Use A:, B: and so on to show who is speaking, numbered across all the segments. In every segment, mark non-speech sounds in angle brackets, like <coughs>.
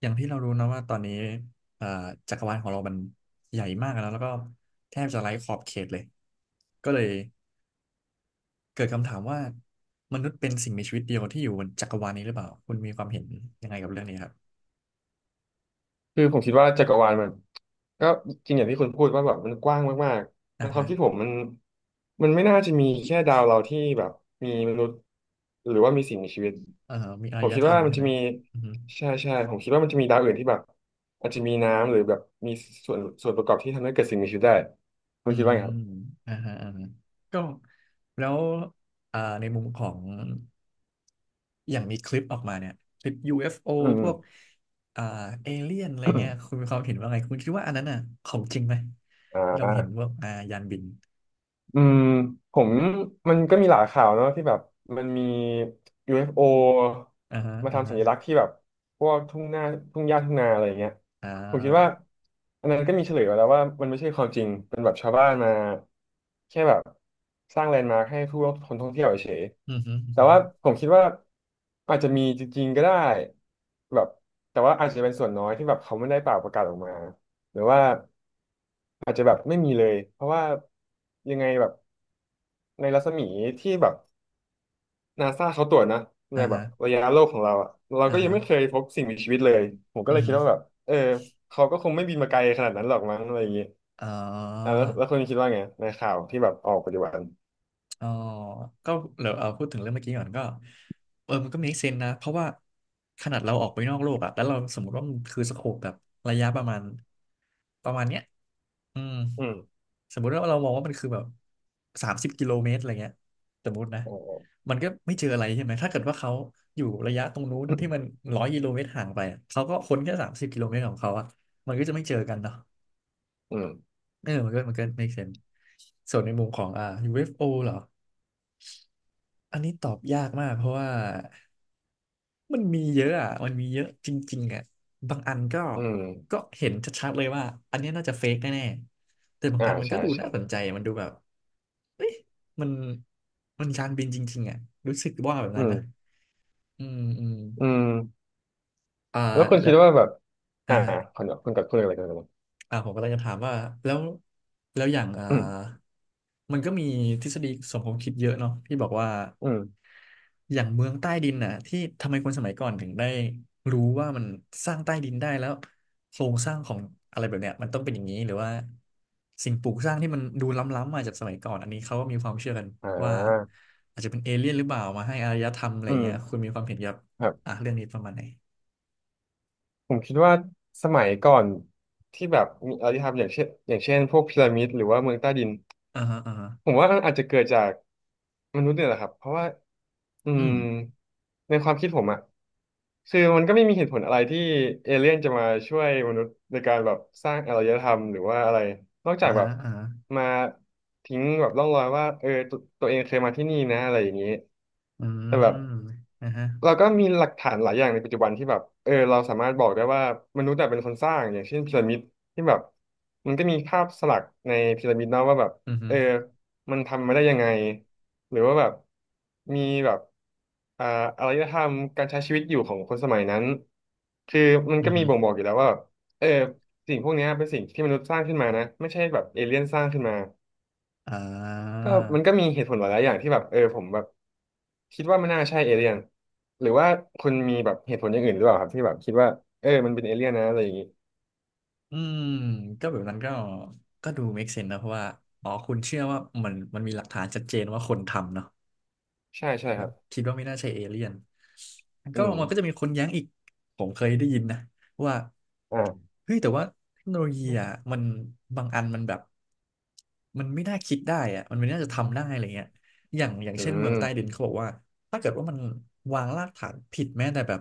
A: อย่างที่เรารู้นะว่าตอนนี้เอ่อจักรวาลของเรามันใหญ่มากแล้วก็แทบจะไร้ขอบเขตเลยก็เลยเกิดคำถามว่ามนุษย์เป็นสิ่งมีชีวิตเดียวที่อยู่บนจักรวาลนี้หรือเปล่าคุณมีความเห็นยังไงกับเรื่องนี้ครับ
B: คือผมคิดว่าจักรวาลมันก็จริงอย่างที่คุณพูดว่าแบบมันกว้างมากๆใน
A: อ่า
B: ความ
A: ฮะ
B: คิดผมมันไม่น่าจะมีแค่ดาวเราที่แบบมีมนุษย์หรือว่ามีสิ่งมีชีวิต
A: เอ่อมีอา
B: ผ
A: ร
B: ม
A: ย
B: คิด
A: ธรร
B: ว่า
A: ม
B: มัน
A: ใช่
B: จะ
A: ไหม
B: มี
A: อือฮึ
B: ใช่ใช่ผมคิดว่ามันจะมีดาวอื่นที่แบบอาจจะมีน้ำหรือแบบมีส่วนประกอบที่ทำให้เกิดสิ่งมีชีวิตได้คุ
A: อื
B: ณคิดว่า
A: ม
B: ไงครับ
A: อ่าฮะอ่าฮะก็แล้วในมุมของ อย่างมีคลิปออกมาเนี่ยคลิป UFO
B: อืม
A: พวกอ่าเอเลี่ยนอะไร
B: อื
A: เงี้
B: ม
A: ย
B: <coughs>
A: คุณมีความเห็นว่าไงคุณคิดว่าอันนั้นอ่ะของจริงไหม
B: อ่า
A: ที่เราเห็นว่ายานบิน
B: อืมผมมันก็มีหลายข่าวเนอะที่แบบมันมี UFO
A: อ่าฮะ
B: มา
A: อ่า
B: ทำสั
A: ฮะ
B: ญลักษณ์ที่แบบพวกทุ่งหน้าทุ่งหญ้าทุ่งนาอะไรอย่างเงี้ย
A: อ่
B: ผมคิดว่า
A: า
B: อันนั้นก็มีเฉลยมาแล้วว่ามันไม่ใช่ความจริงเป็นแบบชาวบ้านมาแค่แบบสร้างแลนด์มาร์คให้ผู้คนท่องเที่ยวเฉย
A: อือฮึอื
B: ๆ
A: อ
B: แต่
A: ฮึ
B: ว่าผมคิดว่าอาจจะมีจริงๆก็ได้แบบแต่ว่าอาจจะเป็นส่วนน้อยที่แบบเขาไม่ได้เปล่าประกาศออกมาหรือว่าอาจจะแบบไม่มีเลยเพราะว่ายังไงแบบ ในรัศมีที่แบบนาซาเขาตรวจนะใน
A: อ่า
B: แบบ
A: ฮะ
B: ระยะโลกของเราอะเรา
A: อ่า
B: ก็ยัง
A: ฮะ
B: ไม่เคยพบสิ่งมีชีวิตเลยผมก็
A: อื
B: เล
A: อ
B: ยคิ
A: ฮึ
B: ดว่าแบบเออเขาก็คงไม่บินมาไกลขนาดนั้นหรอกมั้งอะไรอย่างเงี้ย
A: อ๋อ
B: อ่ะแล้วคุณคิดว่าไงในข่าวที่แบบออกปัจจุบัน
A: อ๋อก็เดี๋ยวเอาพูดถึงเรื่องเมื่อกี้ก่อนก็เออมันก็ม e เซนนะเพราะว่าขนาดเราออกไปนอกโลกอะแล้วเราสมมติว่ามันคือสโคปแบบระยะประมาณเนี้ยอืม
B: อืม
A: สมมุติว่าเรามองว่ามันคือแบบสามสิบกิโลเมตรอะไรเงี้ยสมมตินะ
B: อ๋อ
A: มันก็ไม่เจออะไรใช่ไหม ถ้าเกิดว่าเขาอยู่ระยะตรงนู้นที่มัน100 กิโลเมตรห่างไปอะเขาก็ค้นแค่สามสิบกิโลเมตรของเขาอะมันก็จะไม่เจอกันเนาะ
B: อืม
A: เออมันก็ make sense ส่วนในมุมของUFO เอฟโอเหรอ อันนี้ตอบยากมากเพราะว่ามันมีเยอะอ่ะมันมีเยอะจริงๆอ่ะบางอันก็
B: อืม
A: เห็นชัดๆเลยว่าอันเนี้ยน่าจะเฟกแน่ๆแต่บาง
B: อ่า
A: อันมันก็
B: ใช่
A: ดูน่า
B: ใช่
A: สนใจมันดูแบบเอ้ยมันมันยานบินจริงๆอ่ะรู้สึกว่าแบบ
B: อื
A: นั้นนะ
B: ม
A: อืมอืม
B: อืม
A: อ่า
B: แล้วคุณ
A: แล้
B: คิ
A: ว
B: ดว่าแบบ
A: อ่า
B: อ่า
A: ฮะ
B: คุณกับคุณอะไรกัน
A: ผมก็เลยจะถามว่าแล้วแล้วอย่าง
B: อืม
A: มันก็มีทฤษฎีสมคบคิดเยอะเนาะที่บอกว่า
B: อืม
A: อย่างเมืองใต้ดินน่ะที่ทำไมคนสมัยก่อนถึงได้รู้ว่ามันสร้างใต้ดินได้แล้วโครงสร้างของอะไรแบบเนี้ยมันต้องเป็นอย่างนี้หรือว่าสิ่งปลูกสร้างที่มันดูล้ำๆมาจากสมัยก่อนอันนี้เขาก็มีความเชื่อกัน
B: อ่
A: ว่า
B: า
A: อาจจะเป็นเอเลี่ยนหรือเปล่ามาให้อารยธรรมอะไร
B: อื
A: เงี้ยคุ
B: ม
A: ณมีความเห็นเกี่ยวกับ
B: ครับ
A: อ่ะเรื่องนี้ประมาณไหน
B: ผมคิดว่าสมัยก่อนที่แบบมีอารยธรรมอย่างเช่นพวกพีระมิดหรือว่าเมืองใต้ดิน
A: อ่าฮะอ่าฮะ
B: ผมว่ามันอาจจะเกิดจากมนุษย์เนี่ยแหละครับเพราะว่าอื
A: อื
B: ม
A: ม
B: ในความคิดผมอะคือมันก็ไม่มีเหตุผลอะไรที่เอเลี่ยนจะมาช่วยมนุษย์ในการแบบสร้างอารยธรรมหรือว่าอะไรนอกจา
A: อ่า
B: กแบ
A: ฮะ
B: บ
A: อ่าฮะ
B: มาทิ้งแบบร่องรอยว่าเออตวตัวเองเคยมาที่นี่นะอะไรอย่างนี้
A: อื
B: แต่แบบ
A: มอ่าฮะ
B: เราก็มีหลักฐานหลายอย่างในปัจจุบันที่แบบเออเราสามารถบอกได้ว่ามนุษย์แบบเป็นคนสร้างอย่างเช่นพีระมิดที่แบบมันก็มีภาพสลักในพีระมิดเนาะว่าแบบ
A: อืมอฮึ
B: เออมันทำมาได้ยังไงหรือว่าแบบมีแบบอ่าอารยธรรมการใช้ชีวิตอยู่ของคนสมัยนั้นคือมัน
A: อืม
B: ก็
A: อ
B: มี
A: ฮึ
B: บ่งบอกอยู่แล้วว่าแบบเออสิ่งพวกเนี้ยเป็นสิ่งที่มนุษย์สร้างขึ้นมานะไม่ใช่แบบเอเลี่ยนสร้างขึ้นมา
A: อ่
B: ก็มันก็
A: า
B: มีเหตุผลหลายๆอย่างที่แบบเออผมแบบคิดว่ามันน่าใช่เอเลี่ยนหรือว่าคุณมีแบบเหตุผลอย่างอื่นหรือเปล่าครับที่แบบคิดว่าเออมันเป็นเอเลี่ยนนะอะไรอย่างนี้
A: อืมก็แบบนั้นก็ก็ดู make sense นะเพราะว่าอ๋อคุณเชื่อว่ามันมีหลักฐานชัดเจนว่าคนทำเนาะ
B: ใช่ใช่
A: แบ
B: ค
A: บ
B: รับ
A: คิดว่าไม่น่าใช่เอเลี่ยนมัน
B: อื
A: ก็
B: ม
A: มันก็จะมีคนแย้งอีกผมเคยได้ยินนะว่า
B: อ่า
A: เฮ้ยแต่ว่าเทคโนโลยีอ่ะมันบางอันมันแบบมันไม่น่าคิดได้อ่ะมันไม่น่าจะทำได้อะไรเงี้ยอย่าง
B: อื
A: เช่นเมืองใต้ดิน
B: ม
A: เขาบอกว่าถ้าเกิดว่ามันวางรากฐานผิดแม้แต่แบบ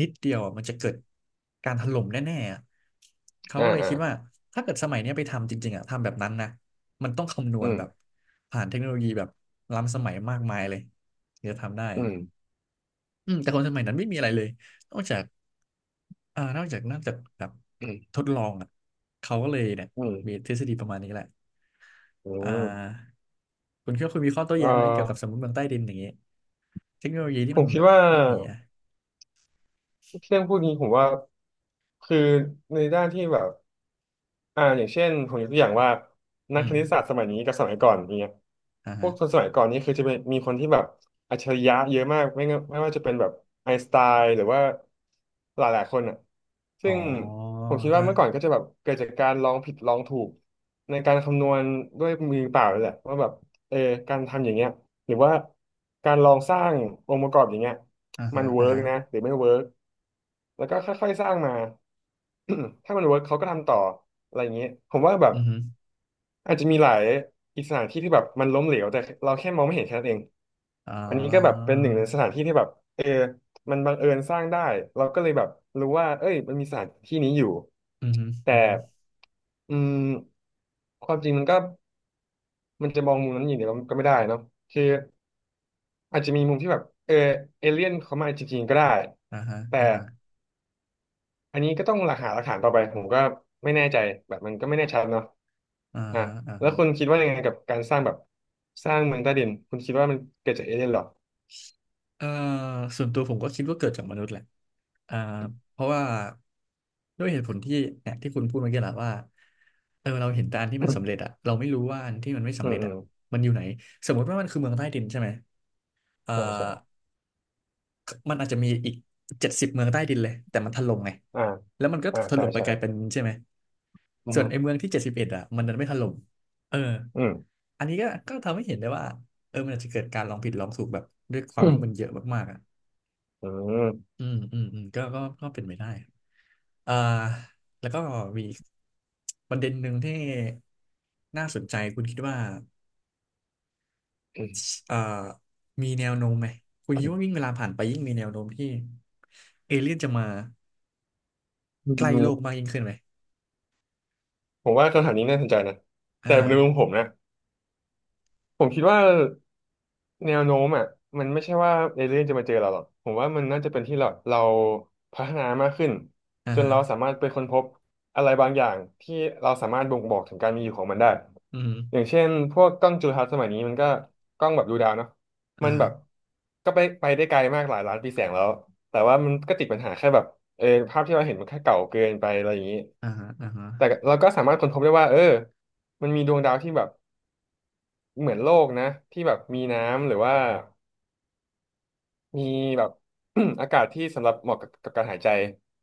A: นิดเดียวอะมันจะเกิดการถล่มแน่ๆอะเขา
B: อ่า
A: ก็เลย
B: อ่า
A: คิดว่าถ้าเกิดสมัยเนี้ยไปทำจริงๆอ่ะทำแบบนั้นนะ มันต้องคำนว
B: อื
A: ณ
B: ม
A: แบบผ่านเทคโนโลยีแบบล้ำสมัยมากมายเลยถึงจะทำได้
B: อื
A: อะ
B: ม
A: อืมแต่คนสมัยนั้นไม่มีอะไรเลยนอกจากนอกจากแบบ
B: อืม
A: ทดลองอ่ะเขาก็เลยเนี่ย
B: อื
A: มี
B: ม
A: ทฤษฎีประมาณนี้แหละ
B: อื
A: อ่
B: ม
A: าคุณคิดว่าคุณมีข้อโต้
B: เอ
A: แย้งไหมเกี่ยวกับส
B: อ
A: มมติเมืองใต้ดินอย่างเงี้ยเทคโนโลยีที่
B: ผ
A: มั
B: ม
A: น
B: คิ
A: แบ
B: ด
A: บ
B: ว่า
A: ไม่มีอ่ะ
B: เรื่องพวกนี้ผมว่าคือในด้านที่แบบอย่างเช่นผมยกตัวอย่างว่านัก
A: อื
B: ค
A: ม
B: ณิตศาสตร์สมัยนี้กับสมัยก่อนอย่างเงี้ย
A: อ่า
B: พว
A: ฮะ
B: กคนสมัยก่อนนี่คือจะเป็นมีคนที่แบบอัจฉริยะเยอะมากไม่งั้นไม่ว่าจะเป็นแบบไอน์สไตน์หรือว่าหลายคนอ่ะ
A: อ๋
B: ซึ่
A: อ
B: งผมคิดว่า
A: ฮะ
B: เมื่อก่อนก็จะแบบเกิดจากการลองผิดลองถูกในการคำนวณด้วยมือเปล่าเลยแหละว่าแบบเออการทำอย่างเงี้ยหรือว่าการลองสร้างองค์ประกอบอย่างเงี้ย
A: อ่า
B: มั
A: ฮะ
B: นเวิ
A: อ่า
B: ร์ก
A: ฮะ
B: นะหรือไม่เวิร์ก แล้วก็ค่อยๆสร้างมา <clears throat> ถ้ามันเวิร์กเขาก็ทำต่ออะไรอย่างนี้ผมว่าแบบ
A: อือฮึ
B: อาจจะมีหลายอีกสถานที่ที่แบบมันล้มเหลวแต่เราแค่มองไม่เห็นแค่นั้นเอง
A: อ่
B: อันนี้ก็แบบ
A: า
B: เป็นหนึ่งในสถานที่ที่แบบเออมันบังเอิญสร้างได้เราก็เลยแบบรู้ว่าเอ้ยมันมีสถานที่นี้อยู่
A: อือฮึ
B: แต่
A: อือฮึ
B: อืมความจริงมันก็มันจะมองมุมนั้นอย่างเดียวก็ไม่ได้เนาะคืออาจจะมีมุมที่แบบเออเอเลี่ยนเขามาจริงๆก็ได้
A: อ่าฮะ
B: แต่
A: อ่าฮะ
B: อันนี้ก็ต้องหลักหาหลักฐานต่อไปผมก็ไม่แน่ใจแบบมันก็ไม่แน่ชัดเนาะ
A: อ่า
B: อ่ะ
A: ฮะอ่า
B: แล้ว
A: ฮะ
B: คุณคิดว่ายังไงกับการสร้างแบบสร้างเมืองใต้ดินคุณคิดว่ามันเกิดจากเอเลี่ยนหรอ
A: เอ่อส่วนตัวผมก็คิดว่าเกิดจากมนุษย์แหละอ่าเพราะว่าด้วยเหตุผลที่เนี่ยที่คุณพูดเมื่อกี้แหละว่าเออเราเห็นแต่อันที่
B: อื
A: มัน
B: ม
A: สำเร็จอะเราไม่รู้ว่าอันที่มันไม่
B: อื
A: สำเร็จอะ
B: ม
A: มันอยู่ไหนสมมติว่ามันคือเมืองใต้ดินใช่ไหมเอ่อ
B: ใช่ใช่
A: มันอาจจะมีอีก70 เมืองใต้ดินเลยแต่มันถล่มไง
B: อ่า
A: แล้วมันก็ถูกถ
B: ใช่
A: ล่มไป
B: ใช่
A: ไกลเป็นใช่ไหม
B: อื
A: ส่ว
B: อ
A: นไอ้เมืองที่71อะมันดันไม่ถล่มเออ
B: อืม
A: อันนี้ก็ทำให้เห็นได้ว่าเออมันอาจจะเกิดการลองผิดลองถูกแบบด้วยควา
B: อื
A: ม
B: ม
A: ที่มันเยอะมากๆอะ
B: อืม
A: ก็เป็นไปได้อ่าแล้วก็มีอีกประเด็นหนึ่งที่น่าสนใจคุณคิดว่า
B: อืม
A: เอ่อมีแนวโน้มไหมคุณคิดว่ายิ่งเวลาผ่านไปยิ่งมีแนวโน้มที่เอเลี่ยนจะมา
B: อื
A: ใกล้โลกมาก
B: ม
A: ยิ่งขึ้นไหม
B: ผมว่าคำถามนี้น่าสนใจนะ
A: อ่า
B: แต่ในมุมผมนะผมคิดว่า แนวโน้มอ่ะมันไม่ใช่ว่าเอเลี่ยนจะมาเจอเราหรอกผมว่ามันน่าจะเป็นที่เราพัฒนามากขึ้น
A: อ่า
B: จน
A: ฮะ
B: เราสามารถไปค้นพบอะไรบางอย่างที่เราสามารถบ่งบอกถึงการมีอยู่ของมันได้
A: อื
B: อย่าง
A: ม
B: เช่นพวกกล้องจุลทรรศน์สมัยนี้มันก็กล้องแบบดูดาวเนาะ
A: อ่า
B: มันแบ
A: ฮะ
B: บก็ไปได้ไกลมากหลายล้านปีแสงแล้วแต่ว่ามันก็ติดปัญหาแค่แบบเออภาพที่เราเห็นมันแค่เก่าเกินไปอะไรอย่างนี้
A: อ่าฮะอ่าฮะ
B: แต่เราก็สามารถค้นพบได้ว่าเออมันมีดวงดาวที่แบบเหมือนโลกนะที่แบบมีน้ำหรือว่า มีแบบ <clears throat> อากาศที่สำหรับเหมาะกับการหายใจ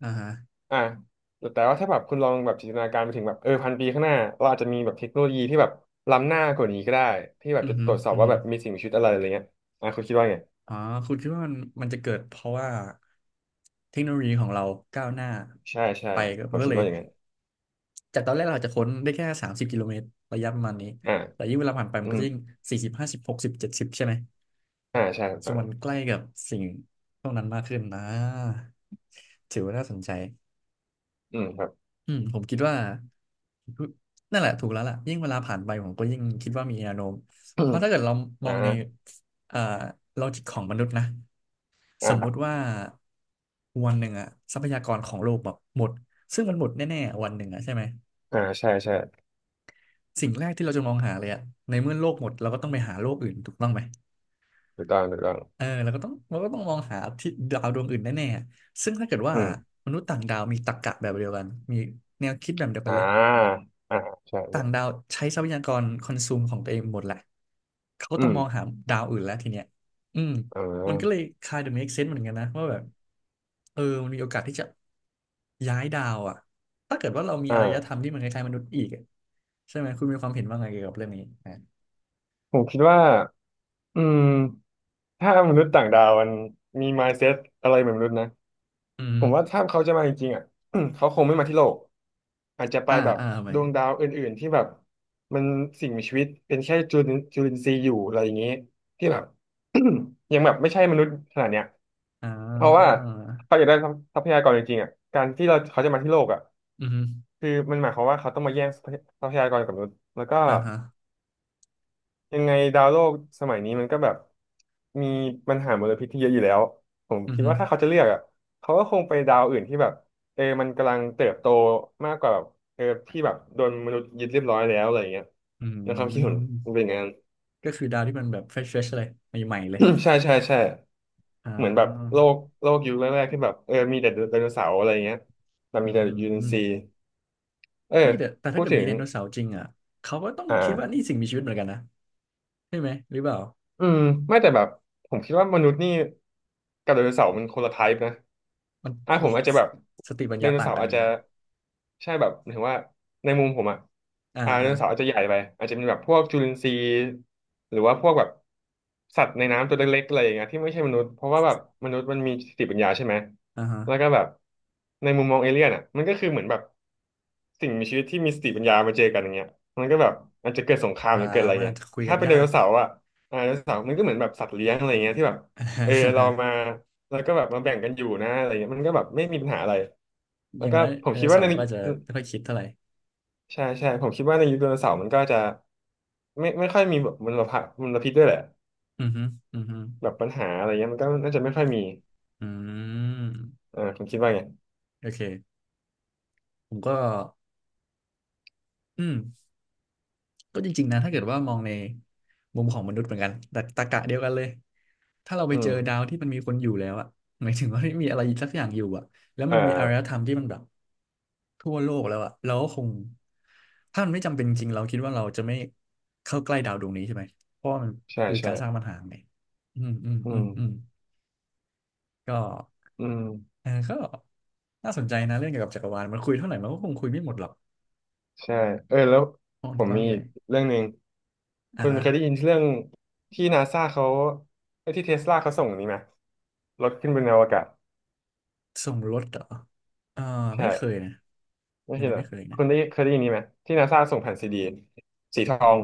A: อ่าฮะ
B: อ่ะแต่ว่าถ้าแบบคุณลองแบบจินตนาการไปถึงแบบเออพันปีข้างหน้าเราอาจจะมีแบบเทคโนโลยีที่แบบล้ำหน้ากว่านี้ก็ได้ที่แบบ
A: อืม
B: จะ
A: ฮึ
B: ตรวจสอบ
A: อืม
B: ว่า
A: ฮึ
B: แบบมีสิ่งมีชีวิตอะไรอะไรเงี้ยอ่ะคุณคิดว่าไง
A: อ๋อคุณคิดว่ามันจะเกิดเพราะว่าเทคโนโลยีของเราก้าวหน้า
B: ใช่ใช่
A: ไปก็
B: ผ
A: มั
B: ม
A: นก็
B: คิด
A: เลย
B: ว่าอย่างนั้น
A: จากตอนแรกเราอาจจะค้นได้แค่30 กิโลเมตรระยะประมาณนี้
B: อ่า
A: แต่ยิ่งเวลาผ่านไปมั
B: อื
A: นก็
B: ม
A: จะยิ่ง40506070ใช่ไหม
B: อ่าใช่ถูก
A: ซึ่
B: ต้
A: ง
B: อง
A: มันใกล้กับสิ่งพวกนั้นมากขึ้นนะ ถือว่าน่าสนใจ
B: อืมครับ
A: อืมผมคิดว่า นั่นแหละถูกแล้วล่ะยิ่งเวลาผ่านไปผมก็ยิ่งคิดว่ามีแนวโน้มเพราะถ้า
B: <clears throat>
A: เกิดเราม
B: อ่า
A: องในเอ่อลอจิกของมนุษย์นะ สมมุ
B: อ่า
A: ติว่าวันหนึ่งอะทรัพยากรของโลกแบบหมดซึ่งมันหมดแน่ๆวันหนึ่งอะใช่ไหม
B: อ่าใช่ใช่
A: สิ่งแรกที่เราจะมองหาเลยอะในเมื่อโลกหมดเราก็ต้องไปหาโลกอื่นถูกต้องไหม
B: ถูกต้องถูกต้อง
A: เออเราก็ต้องมองหาที่ดาวดวงอื่นแน่ๆซึ่งถ้าเกิดว่า
B: อืม
A: มนุษย์ต่างดาวมีตรรกะแบบเดียวกันมีแนวคิดแบบเดียวกั
B: อ่า
A: นเลย
B: อ่าใช่ใช่
A: ต่างดาวใช้ทรัพยากรคอนซูมของตัวเองหมดแหละเขาก็
B: อื
A: ต้อง
B: ม
A: มองหาดาวอื่นแล้วทีเนี้ยอืม
B: อ่
A: มันก็เลย
B: า
A: kind of make sense เหมือนกันนะว่าแบบเออมันมีโอกาสที่จะย้ายดาวอ่ะถ้าเกิดว่าเรามีอารยธร
B: อ่า
A: รมที่มันคล้ายๆมนุษย์อีกอะใช่ไหมคุณมีความเห็นว่าไงเกี่ยวกับเรื่องนี้อ่ะ
B: ผมคิดว่า อืมถ้ามนุษย์ต่างดาวมันมี mindset อะไรเหมือนมนุษย์นะ
A: อืม
B: ผมว่าถ้าเขาจะมาจริงๆอ่ะ <clears throat> เขาคงไม่มาที่โลกอาจจะไป
A: อ่า
B: แบบ
A: อ่าไป
B: ดวงดาวอื่นๆที่แบบมันสิ่งมีชีวิตเป็นแค่จุลินทรีย์อยู่อะไรอย่างนี้ที่แบบ <clears throat> ยังแบบไม่ใช่มนุษย์ขนาดเนี้ย
A: อ่
B: เพราะว่า
A: า
B: เขาอยากได้ทรัพยากรจริงๆอ่ะการที่เราเขาจะมาที่โลกอ่ะ
A: อือฮึ
B: คือมันหมายความว่าเขาต้องมาแย่งทรัพยากรกับมนุษย์แล้วก็
A: อ่าฮะ
B: ยังไงดาวโลกสมัยนี้มันก็แบบมีปัญหามลพิษที่เยอะอยู่แล้วผม
A: อือ
B: คิด
A: ฮึ
B: ว่าถ้าเขาจะเลือกอ่ะเขาก็คงไปดาวอื่นที่แบบเออมันกำลังเติบโตมากกว่าแบบเออที่แบบโดนมนุษย์ยึดเรียบร้อยแล้วอะไรอย่างเงี้ย
A: อื
B: นะครับคิดเห็นมั
A: ม
B: นเป็นอย่างนั้น
A: ก็คือดาวที่มันแบบเฟรชเฟรชเลยใหม่ๆเล
B: <coughs>
A: ย
B: <clears throat> ใช่ใช่ใช่
A: อ่
B: เหมือนแบบ
A: า
B: โลกโลกยุคแรกๆที่แบบเออมีแต่ไดโนเสาร์อะไรอย่างเงี้ยแต่
A: อื
B: มีแต่ยูเอ็นซี
A: ม
B: เออ
A: เฮ้ยแต่
B: พู
A: ถ้า
B: ด
A: เกิด
B: ถึ
A: มี
B: ง
A: ไดโนเสาร์จริงอ่ะเขาก็ต้องคิดว่า
B: อ่า
A: นี่สิ่งมีชีวิตเหมือนกันนะใช่ไหมหรือเปล่า
B: อืมไม่แต่แบบผมคิดว่ามนุษย์นี่กับไดโนเสาร์มันคนละไทป์นะ
A: มัน
B: อ่ะ
A: ตั
B: ผ
A: ว
B: มอาจจะแบบ
A: สติปัญ
B: ได
A: ญา
B: โน
A: ต่าง
B: เสาร์
A: กัน
B: อาจ
A: นี่
B: จะ
A: นะ
B: ใช่แบบหมายถึงว่าในมุมผมอ่ะ
A: อ่า
B: อ่าได
A: อ่า
B: โนเสาร์อาจจะใหญ่ไปอาจจะเป็นแบบพวกจุลินทรีย์หรือว่าพวกแบบสัตว์ในน้ำตัวเล็กๆอะไรอย่างเงี้ยที่ไม่ใช่มนุษย์เพราะว่าแบบมนุษย์มันมีสติปัญญาใช่ไหม
A: อ่าฮะ
B: แล้วก็แบบในมุมมองเอเลี่ยนอ่ะมันก็คือเหมือนแบบสิ่งมีชีวิตที่มีสติปัญญามาเจอกันอย่างเงี้ยมันก็แบบอาจจะเกิดสงคราม
A: อ่า
B: หรือเกิดอะไร
A: มันอา
B: เงี้
A: จ
B: ย
A: จะคุยกั
B: ถ้า
A: น
B: เป็น
A: ยา
B: ไดโน
A: ก
B: เสาร์อ่ะ อ่าไดโนเสาร์มันก็เหมือนแบบสัตว์เลี้ยงอะไรเงี้ยที่แบบเออเรา
A: <laughs>
B: มาแล้วก็แบบมาแบ่งกันอยู่นะอะไรเงี้ยมันก็แบบไม่มีปัญหาอะไร
A: อ
B: แล้ว
A: ย่าง
B: ก็
A: น้อย
B: ผ
A: ได
B: ม
A: โน
B: คิดว่า
A: เสา
B: ใน
A: ร์มันก็จะไม่ค่อยคิดเท่าไหร่
B: ใช่ใช่ผมคิดว่าในยุคไดโนเสาร์มันก็จะไม่ค่อยมีแบบมลพิษด้วยแหละ
A: อือฮึอือฮึ
B: แบบปัญหาอะไรเงี้ยมันก็น่าจะไม่ค่อยมี
A: อืม
B: อ่าผมคิดว่าไง
A: โอเคผมก็อืม ก็จริงๆนะถ้าเกิดว่ามองในมุมของมนุษย์เหมือนกันแต่ตรรกะเดียวกันเลยถ้าเราไป
B: อื
A: เจอ
B: ม
A: ดาวที่มันมีคนอยู่แล้วอะหมายถึงว่าไม่มีอะไรสักอย่างอยู่อะแล้ว
B: อ
A: มันมีอารย
B: ่า
A: ธรรมที่มันแบบทั่วโลกแล้วอะเราก็คงถ้ามันไม่จำเป็นจริงเราคิดว่าเราจะไม่เข้าใกล้ดาวดวงนี้ใช่ไหมเพราะว่ามัน
B: ใช่
A: คือ
B: ใช่
A: การสร้างปัญหาไงอืมอืม
B: อื
A: อืม
B: ม
A: อืมก็
B: อืม
A: เออก็น่าสนใจนะเรื่องเกี่ยวกับจักรวาลมันคุยเท่าไหร่มันก็คงคุยไม่หมดหรอก
B: ใช่เออแล้ว
A: เพราะมั
B: ผ
A: น
B: ม
A: กว้าง
B: มี
A: ใหญ่
B: อีกเรื่องหนึ่ง
A: อ่า
B: คุณ
A: ฮะ
B: เคยได้ยินเรื่องที่นาซาเขาเอ้ยที่เทสลาเขาส่งนี่ไหมรถขึ้นบนอวกาศ
A: ส่งรถเหรอเออ
B: ใช่
A: ไม่เคยนะ
B: ไม่
A: อัน
B: ใช่
A: นี้
B: เหรอ
A: ไม่เคยนะ
B: คุณได้เคยได้ยินนี้ไหมที่นาซาส่งแผ่นซีดีสีทอง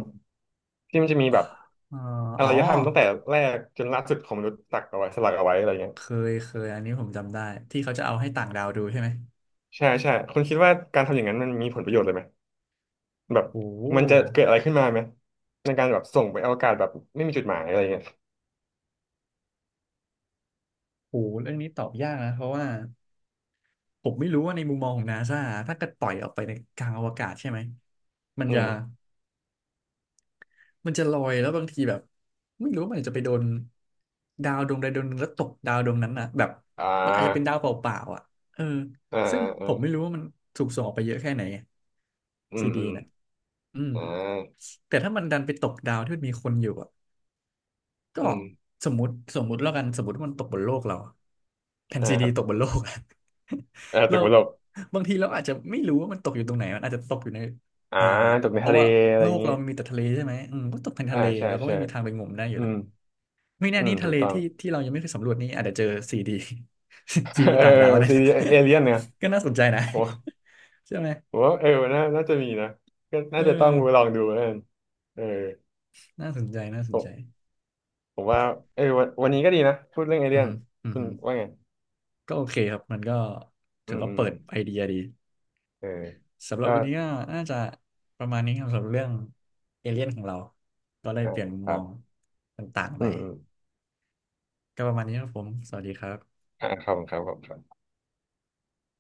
B: ที่มันจะมีแบบ
A: เอ๋อ
B: อา
A: อ๋อ
B: รยธรรมตั้งแต่แรกจนล่าสุดของมนุษย์ตักเอาไว้สลักเอาไว้อะไรเงี้ย
A: เคยเคยอันนี้ผมจำได้ ที่เขาจะเอาให้ต่างดาวดูใช่ไหม
B: ใช่ใช่คุณคิดว่าการทำอย่างนั้นมันมีผลประโยชน์เลยไหมแบบ
A: โอ้โห
B: มันจะเกิดอะไรขึ้นมาไหมในการแบบส่งไปอวกาศแบบไม่มีจุดหมายอะไรเงี้ย
A: โอ้โหเรื่องนี้ตอบยากนะ เพราะว่าผมไม่รู้ว่าในมุมมองของนาซาถ้าเกิดปล่อยออกไปในกลางอวกาศใช่ไหมมัน
B: อื
A: จะ
B: ม
A: มันจะลอยแล้วบางทีแบบไม่รู้ว่ามันอาจจะไปโดนดาวดวงใดดวงหนึ่งแล้วตกดาวดวงนั้นน่ะแบบ
B: อ่
A: มันอาจจะเป็นดาว
B: า
A: เปล่าๆอ่ะเออ
B: อ่า
A: ซึ่งผ
B: อ่า
A: มไม่รู้ว่ามันถูกส่งออกไปเยอะแค่ไหน
B: อื
A: ซี
B: ม
A: ดี
B: อืม
A: น่ะอืม
B: อ่า
A: แต่ถ้ามันดันไปตกดาวที่มันมีคนอยู่อ่ะ ก็
B: อืม
A: สมมุติแล้วกันสมมติว่ามันตกบนโลกเราอะแผ่น
B: อ่า
A: ซี
B: ค
A: ดี
B: รับ
A: ตกบนโลกอะ
B: อ่า
A: <laughs>
B: ตึ
A: เรา
B: กบนโลก
A: บางทีเราอาจจะไม่รู้ว่ามันตกอยู่ตรงไหนมันอาจจะตกอยู่ใน
B: อ่า
A: อ่า
B: ตึกใน
A: เพราะ
B: ทะเล
A: ว่า
B: อะไร
A: โล
B: อย่า
A: ก
B: งงี้
A: เรามีแต่ทะเลใช่ไหมอืมก็ตกเป็นทะ
B: อ่า
A: เล
B: ใช่
A: เราก็ไม่
B: ใช่
A: มีทางไปงมได้อยู่
B: อื
A: แล้ว
B: ม
A: ไม่แน่
B: อื
A: นี่
B: ม
A: ทะ
B: ถู
A: เล
B: กต้อง
A: ที่ที่เรายังไม่เคยสำรวจนี่อาจจะเจอซีดี <laughs> ซี
B: <laughs>
A: ดี
B: เออ
A: ต่างดาวก็ได้
B: ซี
A: นะ
B: รีส์เอเลียนเนี่ย
A: <laughs> ก็น่าสนใจนะ
B: ผม
A: <laughs> ใช่ไหม
B: ผมว่าเออน่าจะมีนะก็
A: เอ
B: น่า
A: อ
B: จะต้องไปลองดูแล้วกันเออ
A: น่าสนใจน่าสน
B: ผ
A: ใจ
B: มผมว่าเออวันนี้ก็ดีนะพูดเรื่องเอ
A: อื
B: เลี
A: อ
B: ยน
A: ฮึอือ
B: คุณ
A: ฮึ
B: ว่าไง
A: ก็โอเคครับมันก็
B: อื
A: ถือ
B: ม
A: ว่า
B: อื
A: เปิ
B: ม
A: ดไอเดียดี
B: เออ
A: สำหรับ
B: ก็
A: วันนี้ก็น่าจะประมาณนี้ครับสำหรับเรื่องเอเลี่ยนของเราก็ได้
B: อ่า
A: เปลี่ยนมุม
B: ค
A: ม
B: รั
A: อง
B: บ
A: ต่างๆไป
B: อืมอืม
A: ก็ประมาณนี้ครับผมสวัสดีครับ
B: อ่าครับผมครับผม